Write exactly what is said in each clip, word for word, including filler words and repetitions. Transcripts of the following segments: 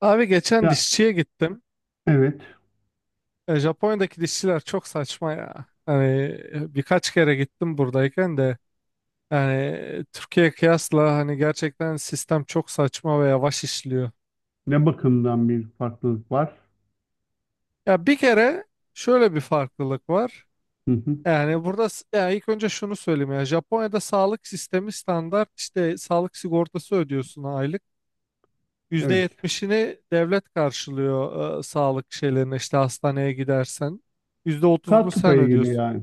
Abi geçen Ya dişçiye gittim. evet. E, Japonya'daki dişçiler çok saçma ya. Hani e, birkaç kere gittim buradayken de, yani Türkiye kıyasla hani gerçekten sistem çok saçma ve yavaş işliyor. Ne bakımdan bir farklılık var? Ya bir kere, şöyle bir farklılık var. Hı hı. Yani burada s- ya ilk önce şunu söyleyeyim ya, Japonya'da sağlık sistemi standart, işte sağlık sigortası ödüyorsun aylık. yüzde Evet. yetmişini devlet karşılıyor, e, sağlık şeylerine işte, hastaneye gidersen. Yüzde otuzunu Katkı sen payı gibi ödüyorsun. yani.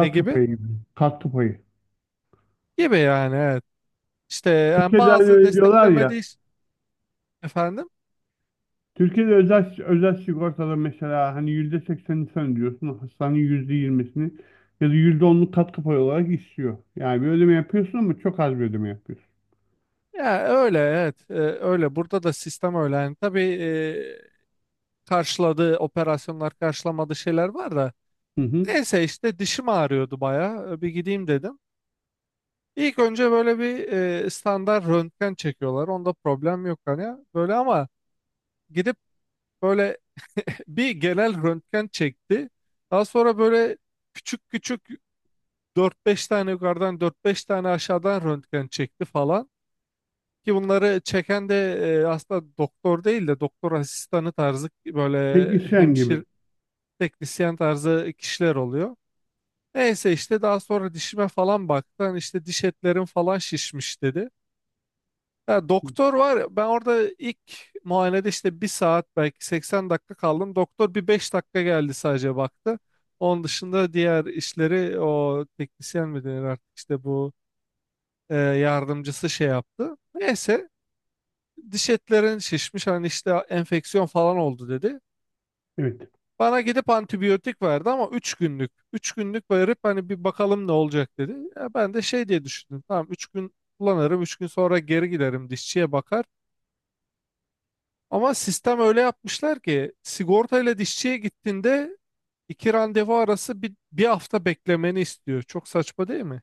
Ne gibi? payı gibi. Katkı payı. Gibi yani, evet. İşte yani Türkiye'de hani bazı öyle diyorlar ya. desteklemediği iş- efendim. Türkiye'de özel özel sigortada mesela hani yüzde seksenini sen ödüyorsun. Hastanenin yüzde yirmisini ya da yüzde onluk katkı payı olarak istiyor. Yani bir ödeme yapıyorsun ama çok az bir ödeme yapıyorsun. Ya öyle, evet. E, öyle burada da sistem öyle, yani tabii, e, karşıladığı operasyonlar, karşılamadığı şeyler var da, Hı hı. neyse işte dişim ağrıyordu bayağı. E, bir gideyim dedim. İlk önce böyle bir, e, standart röntgen çekiyorlar, onda problem yok hani böyle, ama gidip böyle bir genel röntgen çekti. Daha sonra böyle küçük küçük dört beş tane yukarıdan, dört beş tane aşağıdan röntgen çekti falan. Ki bunları çeken de e, aslında doktor değil de, doktor asistanı tarzı, böyle Teknisyen gibi. hemşir teknisyen tarzı kişiler oluyor. Neyse işte daha sonra dişime falan baktı. Hani işte diş etlerim falan şişmiş dedi. Ya doktor var ya, ben orada ilk muayenede işte bir saat, belki 80 dakika kaldım. Doktor bir 5 dakika geldi, sadece baktı. Onun dışında diğer işleri o teknisyen mi denir artık, işte bu e, yardımcısı şey yaptı. Neyse, diş etlerin şişmiş hani, işte enfeksiyon falan oldu dedi. Evet. Bana gidip antibiyotik verdi ama üç günlük. Üç günlük verip hani bir bakalım ne olacak dedi. Ya ben de şey diye düşündüm. Tamam, üç gün kullanırım, üç gün sonra geri giderim dişçiye bakar. Ama sistem öyle yapmışlar ki sigortayla dişçiye gittiğinde iki randevu arası bir, bir hafta beklemeni istiyor. Çok saçma değil mi?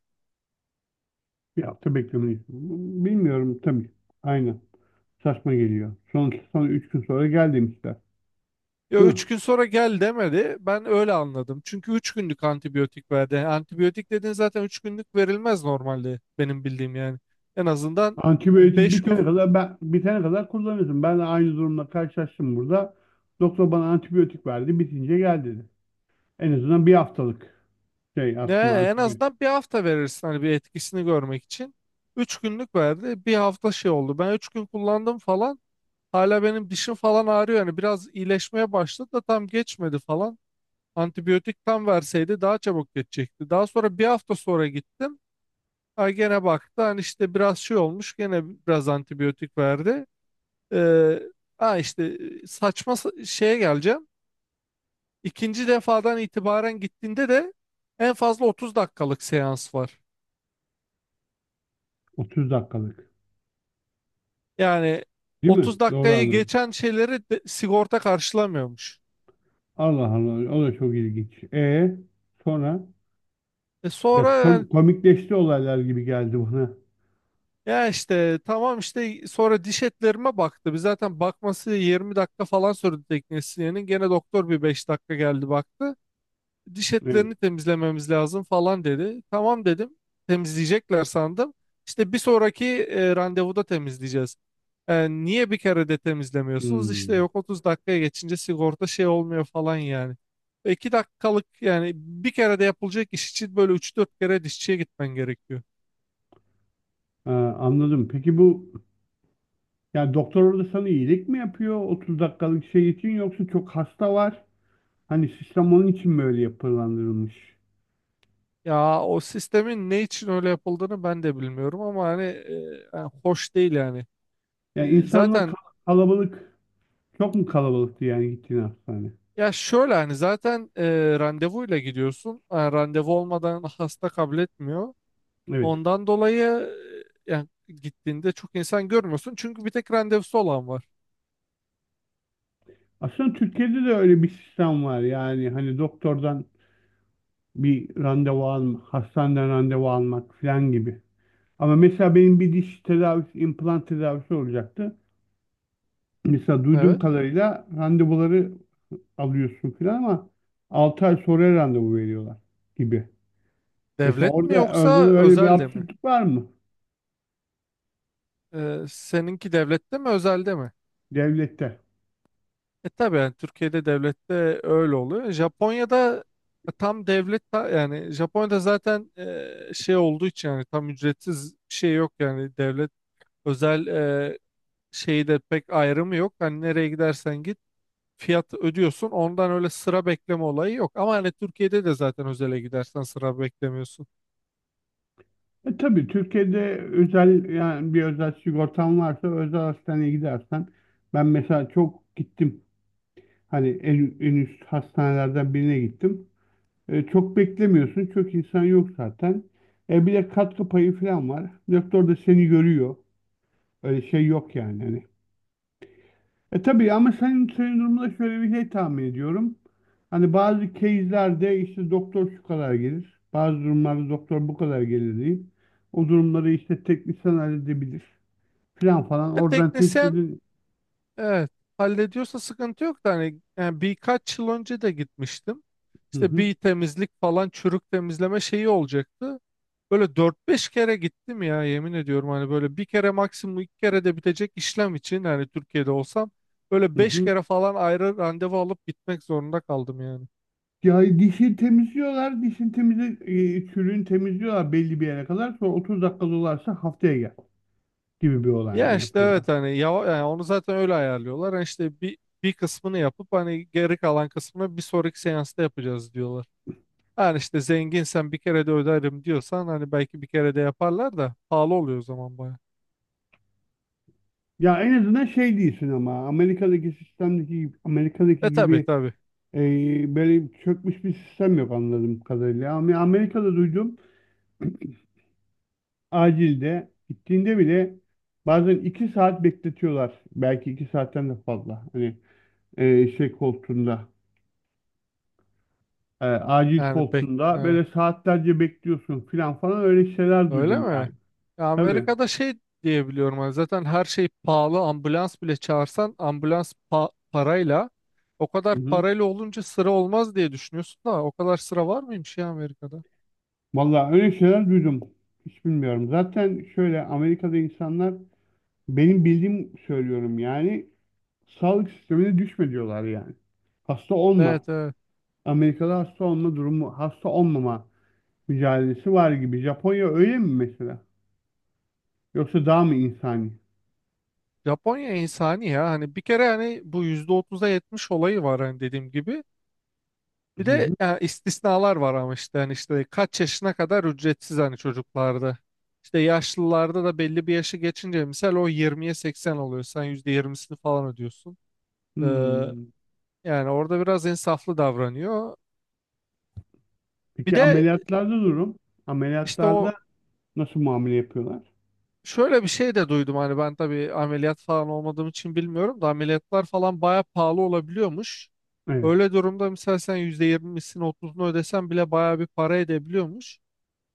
Bir hafta beklemeliyiz. Bilmiyorum tabii. Aynen. Saçma geliyor. Sonuçta sonra üç gün sonra gel demişler. Ya Değil üç mi? gün sonra gel demedi, ben öyle anladım. Çünkü üç günlük antibiyotik verdi. Yani antibiyotik dediğin zaten üç günlük verilmez normalde, benim bildiğim yani. En azından bir Antibiyotik beş gün, bitene kadar ben bitene kadar kullanıyorsun. Ben de aynı durumla karşılaştım burada. Doktor bana antibiyotik verdi, bitince gel dedi. En azından bir haftalık şey ne, aslında en antibiyotik. azından bir hafta verirsin hani, bir etkisini görmek için. Üç günlük verdi. Bir hafta şey oldu. Ben üç gün kullandım falan. Hala benim dişim falan ağrıyor. Yani biraz iyileşmeye başladı da tam geçmedi falan. Antibiyotik tam verseydi daha çabuk geçecekti. Daha sonra bir hafta sonra gittim. Ha, gene baktı hani, işte biraz şey olmuş, gene biraz antibiyotik verdi. Ee, ha işte, e, saçma sa- şeye geleceğim. İkinci defadan itibaren gittiğinde de en fazla 30 dakikalık seans var. otuz dakikalık. Yani Değil mi? 30 Doğru dakikayı anladım. geçen şeyleri de- sigorta karşılamıyormuş. Allah Allah. O da çok ilginç. E sonra E biraz sonra kom- yani- komikleşti olaylar gibi geldi bana. ya işte tamam, işte sonra diş etlerime baktı. Biz zaten bakması 20 dakika falan sürdü teknisyenin. Gene doktor bir beş dakika geldi, baktı. Diş Evet. etlerini temizlememiz lazım falan dedi. Tamam dedim. Temizleyecekler sandım. İşte bir sonraki e, randevuda temizleyeceğiz. E, niye bir kere de temizlemiyorsunuz? İşte Hmm. yok, 30 dakikaya geçince sigorta şey olmuyor falan yani. 2 dakikalık yani, bir kere de yapılacak iş için böyle üç dört kere dişçiye gitmen gerekiyor. Ha, anladım. Peki bu yani doktor orada sana iyilik mi yapıyor otuz dakikalık şey için yoksa çok hasta var? Hani sistem onun için mi öyle yapılandırılmış? Ya o sistemin ne için öyle yapıldığını ben de bilmiyorum ama hani, e, yani hoş değil yani. Yani E, insanlık kal- zaten kalabalık çok mu kalabalıktı yani gittiğin hastane? Ya şöyle hani zaten, e, randevuyla gidiyorsun. Yani randevu olmadan hasta kabul etmiyor. Evet. Ondan dolayı e, yani gittiğinde çok insan görmüyorsun. Çünkü bir tek randevusu olan var. Aslında Türkiye'de de öyle bir sistem var. Yani hani doktordan bir randevu almak, hastaneden randevu almak falan gibi. Ama mesela benim bir diş tedavisi, implant tedavisi olacaktı. Mesela duyduğum Evet. kadarıyla randevuları alıyorsun falan ama altı ay sonra randevu veriyorlar gibi. Mesela Devlet mi orada, orada yoksa da öyle bir özelde mi? absürtlük var mı E, seninki devlette mi, özelde mi? devlette? E tabii yani, Türkiye'de devlette öyle oluyor. Japonya'da, e, tam devlet ta- yani Japonya'da zaten e, şey olduğu için, yani tam ücretsiz bir şey yok yani, devlet özel şeyde pek ayrımı yok. Hani nereye gidersen git, fiyat ödüyorsun. Ondan öyle sıra bekleme olayı yok. Ama hani Türkiye'de de zaten özele gidersen sıra beklemiyorsun. E tabii Türkiye'de özel yani bir özel sigortan varsa özel hastaneye gidersen ben mesela çok gittim hani en, en üst hastanelerden birine gittim. E, çok beklemiyorsun çok insan yok zaten. E, bir de katkı payı falan var. Doktor da seni görüyor. Öyle şey yok yani. Hani E tabii ama senin, senin durumunda şöyle bir şey tahmin ediyorum. Hani bazı case'lerde işte doktor şu kadar gelir. Bazı durumlarda doktor bu kadar gelir deyip o durumları işte teknisyen halledebilir. Falan falan E, oradan teknisyen tespitin evet, hallediyorsa sıkıntı yok da hani yani birkaç yıl önce de gitmiştim. Hı İşte hı bir temizlik falan, çürük temizleme şeyi olacaktı. Böyle dört beş kere gittim ya, yemin ediyorum, hani böyle bir kere, maksimum iki kere de bitecek işlem için hani, Türkiye'de olsam böyle hı beş hı. kere falan ayrı randevu alıp gitmek zorunda kaldım yani. Ya dişi temizliyorlar. Dişin temizle e, çürüğünü temizliyorlar belli bir yere kadar. Sonra otuz dakika dolarsa haftaya gel gibi bir olay Ya mı işte yapıyorlar? evet, hani yava- yani onu zaten öyle ayarlıyorlar. Hani işte bir bir kısmını yapıp hani geri kalan kısmını bir sonraki seansta yapacağız diyorlar. Yani işte zenginsen bir kere de öderim diyorsan hani belki bir kere de yaparlar da pahalı oluyor o zaman baya. Ya en azından şey değilsin ama Amerika'daki sistemdeki gibi, E Amerika'daki gibi Tabi tabi. e, böyle çökmüş bir sistem yok anladığım kadarıyla. Ama Amerika'da duydum acilde gittiğinde bile bazen iki saat bekletiyorlar. Belki iki saatten de fazla. Hani e, şey koltuğunda e, acil Yani bek koltuğunda e, böyle saatlerce bekliyorsun filan falan öyle şeyler Öyle duydum yani. mi? Ya Tabii. Amerika'da şey diyebiliyorum hani, zaten her şey pahalı. Ambulans bile çağırsan ambulans pa- parayla, o Hı kadar hı. parayla olunca sıra olmaz diye düşünüyorsun da, o kadar sıra var mıymış ya Amerika'da? Vallahi öyle şeyler duydum. Hiç bilmiyorum. Zaten şöyle Amerika'da insanlar benim bildiğim söylüyorum yani sağlık sistemine düşme diyorlar yani. Hasta olma. Evet, evet. Amerika'da hasta olma durumu, hasta olmama mücadelesi var gibi. Japonya öyle mi mesela? Yoksa daha mı insani? Japonya insani ya. Hani bir kere hani bu yüzde otuz'a yetmiş olayı var hani, dediğim gibi. Hı Bir de hı. yani istisnalar var ama işte hani, işte kaç yaşına kadar ücretsiz hani, çocuklarda. İşte yaşlılarda da belli bir yaşı geçince misal o yirmiye seksen oluyor. Sen yüzde yirmisini falan ödüyorsun. Ee, Hmm. Yani orada biraz insaflı davranıyor. Bir Peki de ameliyatlarda durum? işte Ameliyatlarda o, nasıl muamele yapıyorlar? şöyle bir şey de duydum hani, ben tabii ameliyat falan olmadığım için bilmiyorum da ameliyatlar falan baya pahalı olabiliyormuş. Evet. Öyle durumda mesela sen yüzde yirmisini, otuzunu ödesen bile bayağı bir para edebiliyormuş.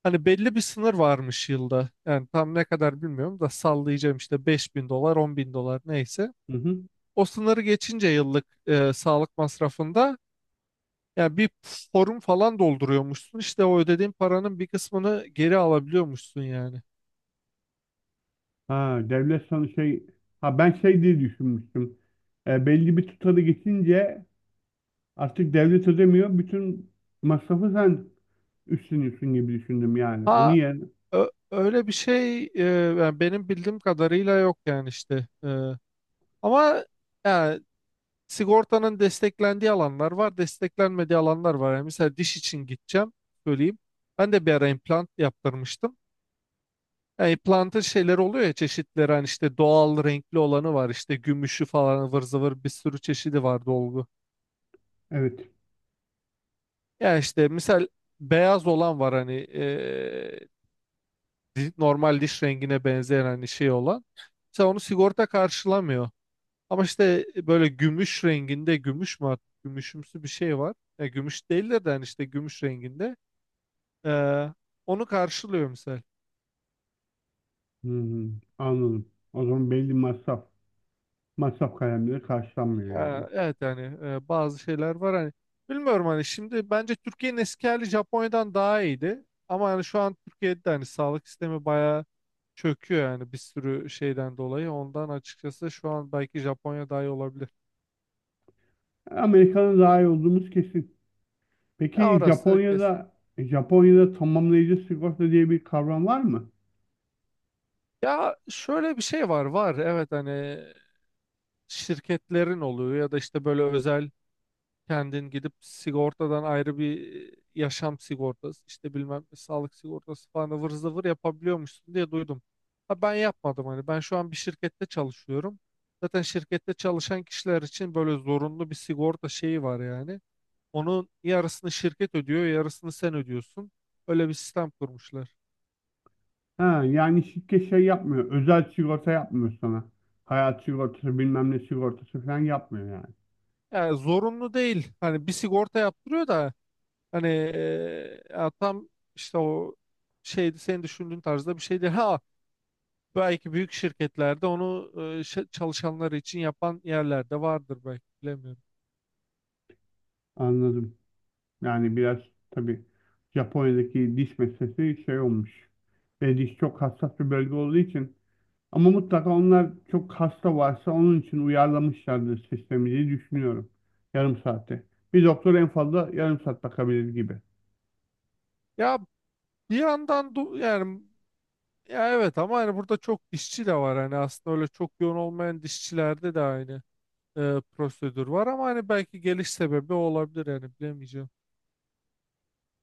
Hani belli bir sınır varmış yılda. Yani tam ne kadar bilmiyorum da sallayacağım işte, beş bin dolar, on bin dolar bin dolar, neyse. Hı hı. O sınırı geçince yıllık e, sağlık masrafında, yani bir forum falan dolduruyormuşsun. İşte o ödediğin paranın bir kısmını geri alabiliyormuşsun yani. Ha, devlet sana şey... Ha ben şey diye düşünmüştüm. E, belli bir tutarı geçince artık devlet ödemiyor. Bütün masrafı sen üstleniyorsun gibi düşündüm yani. Onu Ha, yerine. ö- öyle bir şey e, yani benim bildiğim kadarıyla yok yani işte. E, ama yani, sigortanın desteklendiği alanlar var, desteklenmediği alanlar var. Yani mesela diş için gideceğim, söyleyeyim. Ben de bir ara implant yaptırmıştım. Yani implantın şeyleri oluyor ya, çeşitleri hani, işte doğal renkli olanı var, işte gümüşü falan, ıvır zıvır bir sürü çeşidi var, dolgu. Evet. Yani işte misal beyaz olan var hani, eee, di- normal diş rengine benzeyen, hani şey olan. Mesela onu sigorta karşılamıyor. Ama işte e, böyle gümüş renginde, gümüş mü artık, gümüşümsü bir şey var. Ya gümüş değildir de yani işte gümüş renginde. Ee, onu karşılıyor misal. Hmm, anladım. O zaman belli masraf. Masraf kalemleri karşılanmıyor yani. Ya, evet yani, e, bazı şeyler var hani. Bilmiyorum hani şimdi, bence Türkiye'nin eski hali Japonya'dan daha iyiydi. Ama yani şu an Türkiye'de de hani sağlık sistemi bayağı çöküyor yani, bir sürü şeyden dolayı. Ondan açıkçası şu an belki Japonya daha iyi olabilir. Amerika'nın daha iyi olduğumuz kesin. Ya Peki orası kesin. Japonya'da Japonya'da tamamlayıcı sigorta diye bir kavram var mı? Ya şöyle bir şey var var, evet hani, şirketlerin oluyor ya da işte böyle özel, kendin gidip sigortadan ayrı bir yaşam sigortası, işte bilmem ne, sağlık sigortası falan ıvır zıvır yapabiliyormuşsun diye duydum. Ha, ben yapmadım hani, ben şu an bir şirkette çalışıyorum. Zaten şirkette çalışan kişiler için böyle zorunlu bir sigorta şeyi var yani. Onun yarısını şirket ödüyor, yarısını sen ödüyorsun. Öyle bir sistem kurmuşlar. Ha, yani şirket şey yapmıyor. Özel sigorta yapmıyor sana. Hayat sigortası bilmem ne sigortası falan yapmıyor yani. Yani zorunlu değil. Hani bir sigorta yaptırıyor da, hani eee, ya tam işte o şeydi, senin düşündüğün tarzda bir şeydi. Ha, belki büyük şirketlerde onu eee, şe- çalışanları için yapan yerlerde vardır belki, bilemiyorum. Anladım. Yani biraz tabii Japonya'daki diş meselesi şey olmuş. Ve diş çok hassas bir bölge olduğu için. Ama mutlaka onlar çok hasta varsa onun için uyarlamışlardır sistemi diye düşünüyorum. Yarım saatte bir doktor en fazla yarım saat bakabilir gibi. Ya bir yandan du- yani, ya evet ama hani burada çok işçi de var hani, aslında öyle çok yoğun olmayan dişçilerde de aynı eee, prosedür var ama hani belki geliş sebebi o olabilir yani, bilemeyeceğim.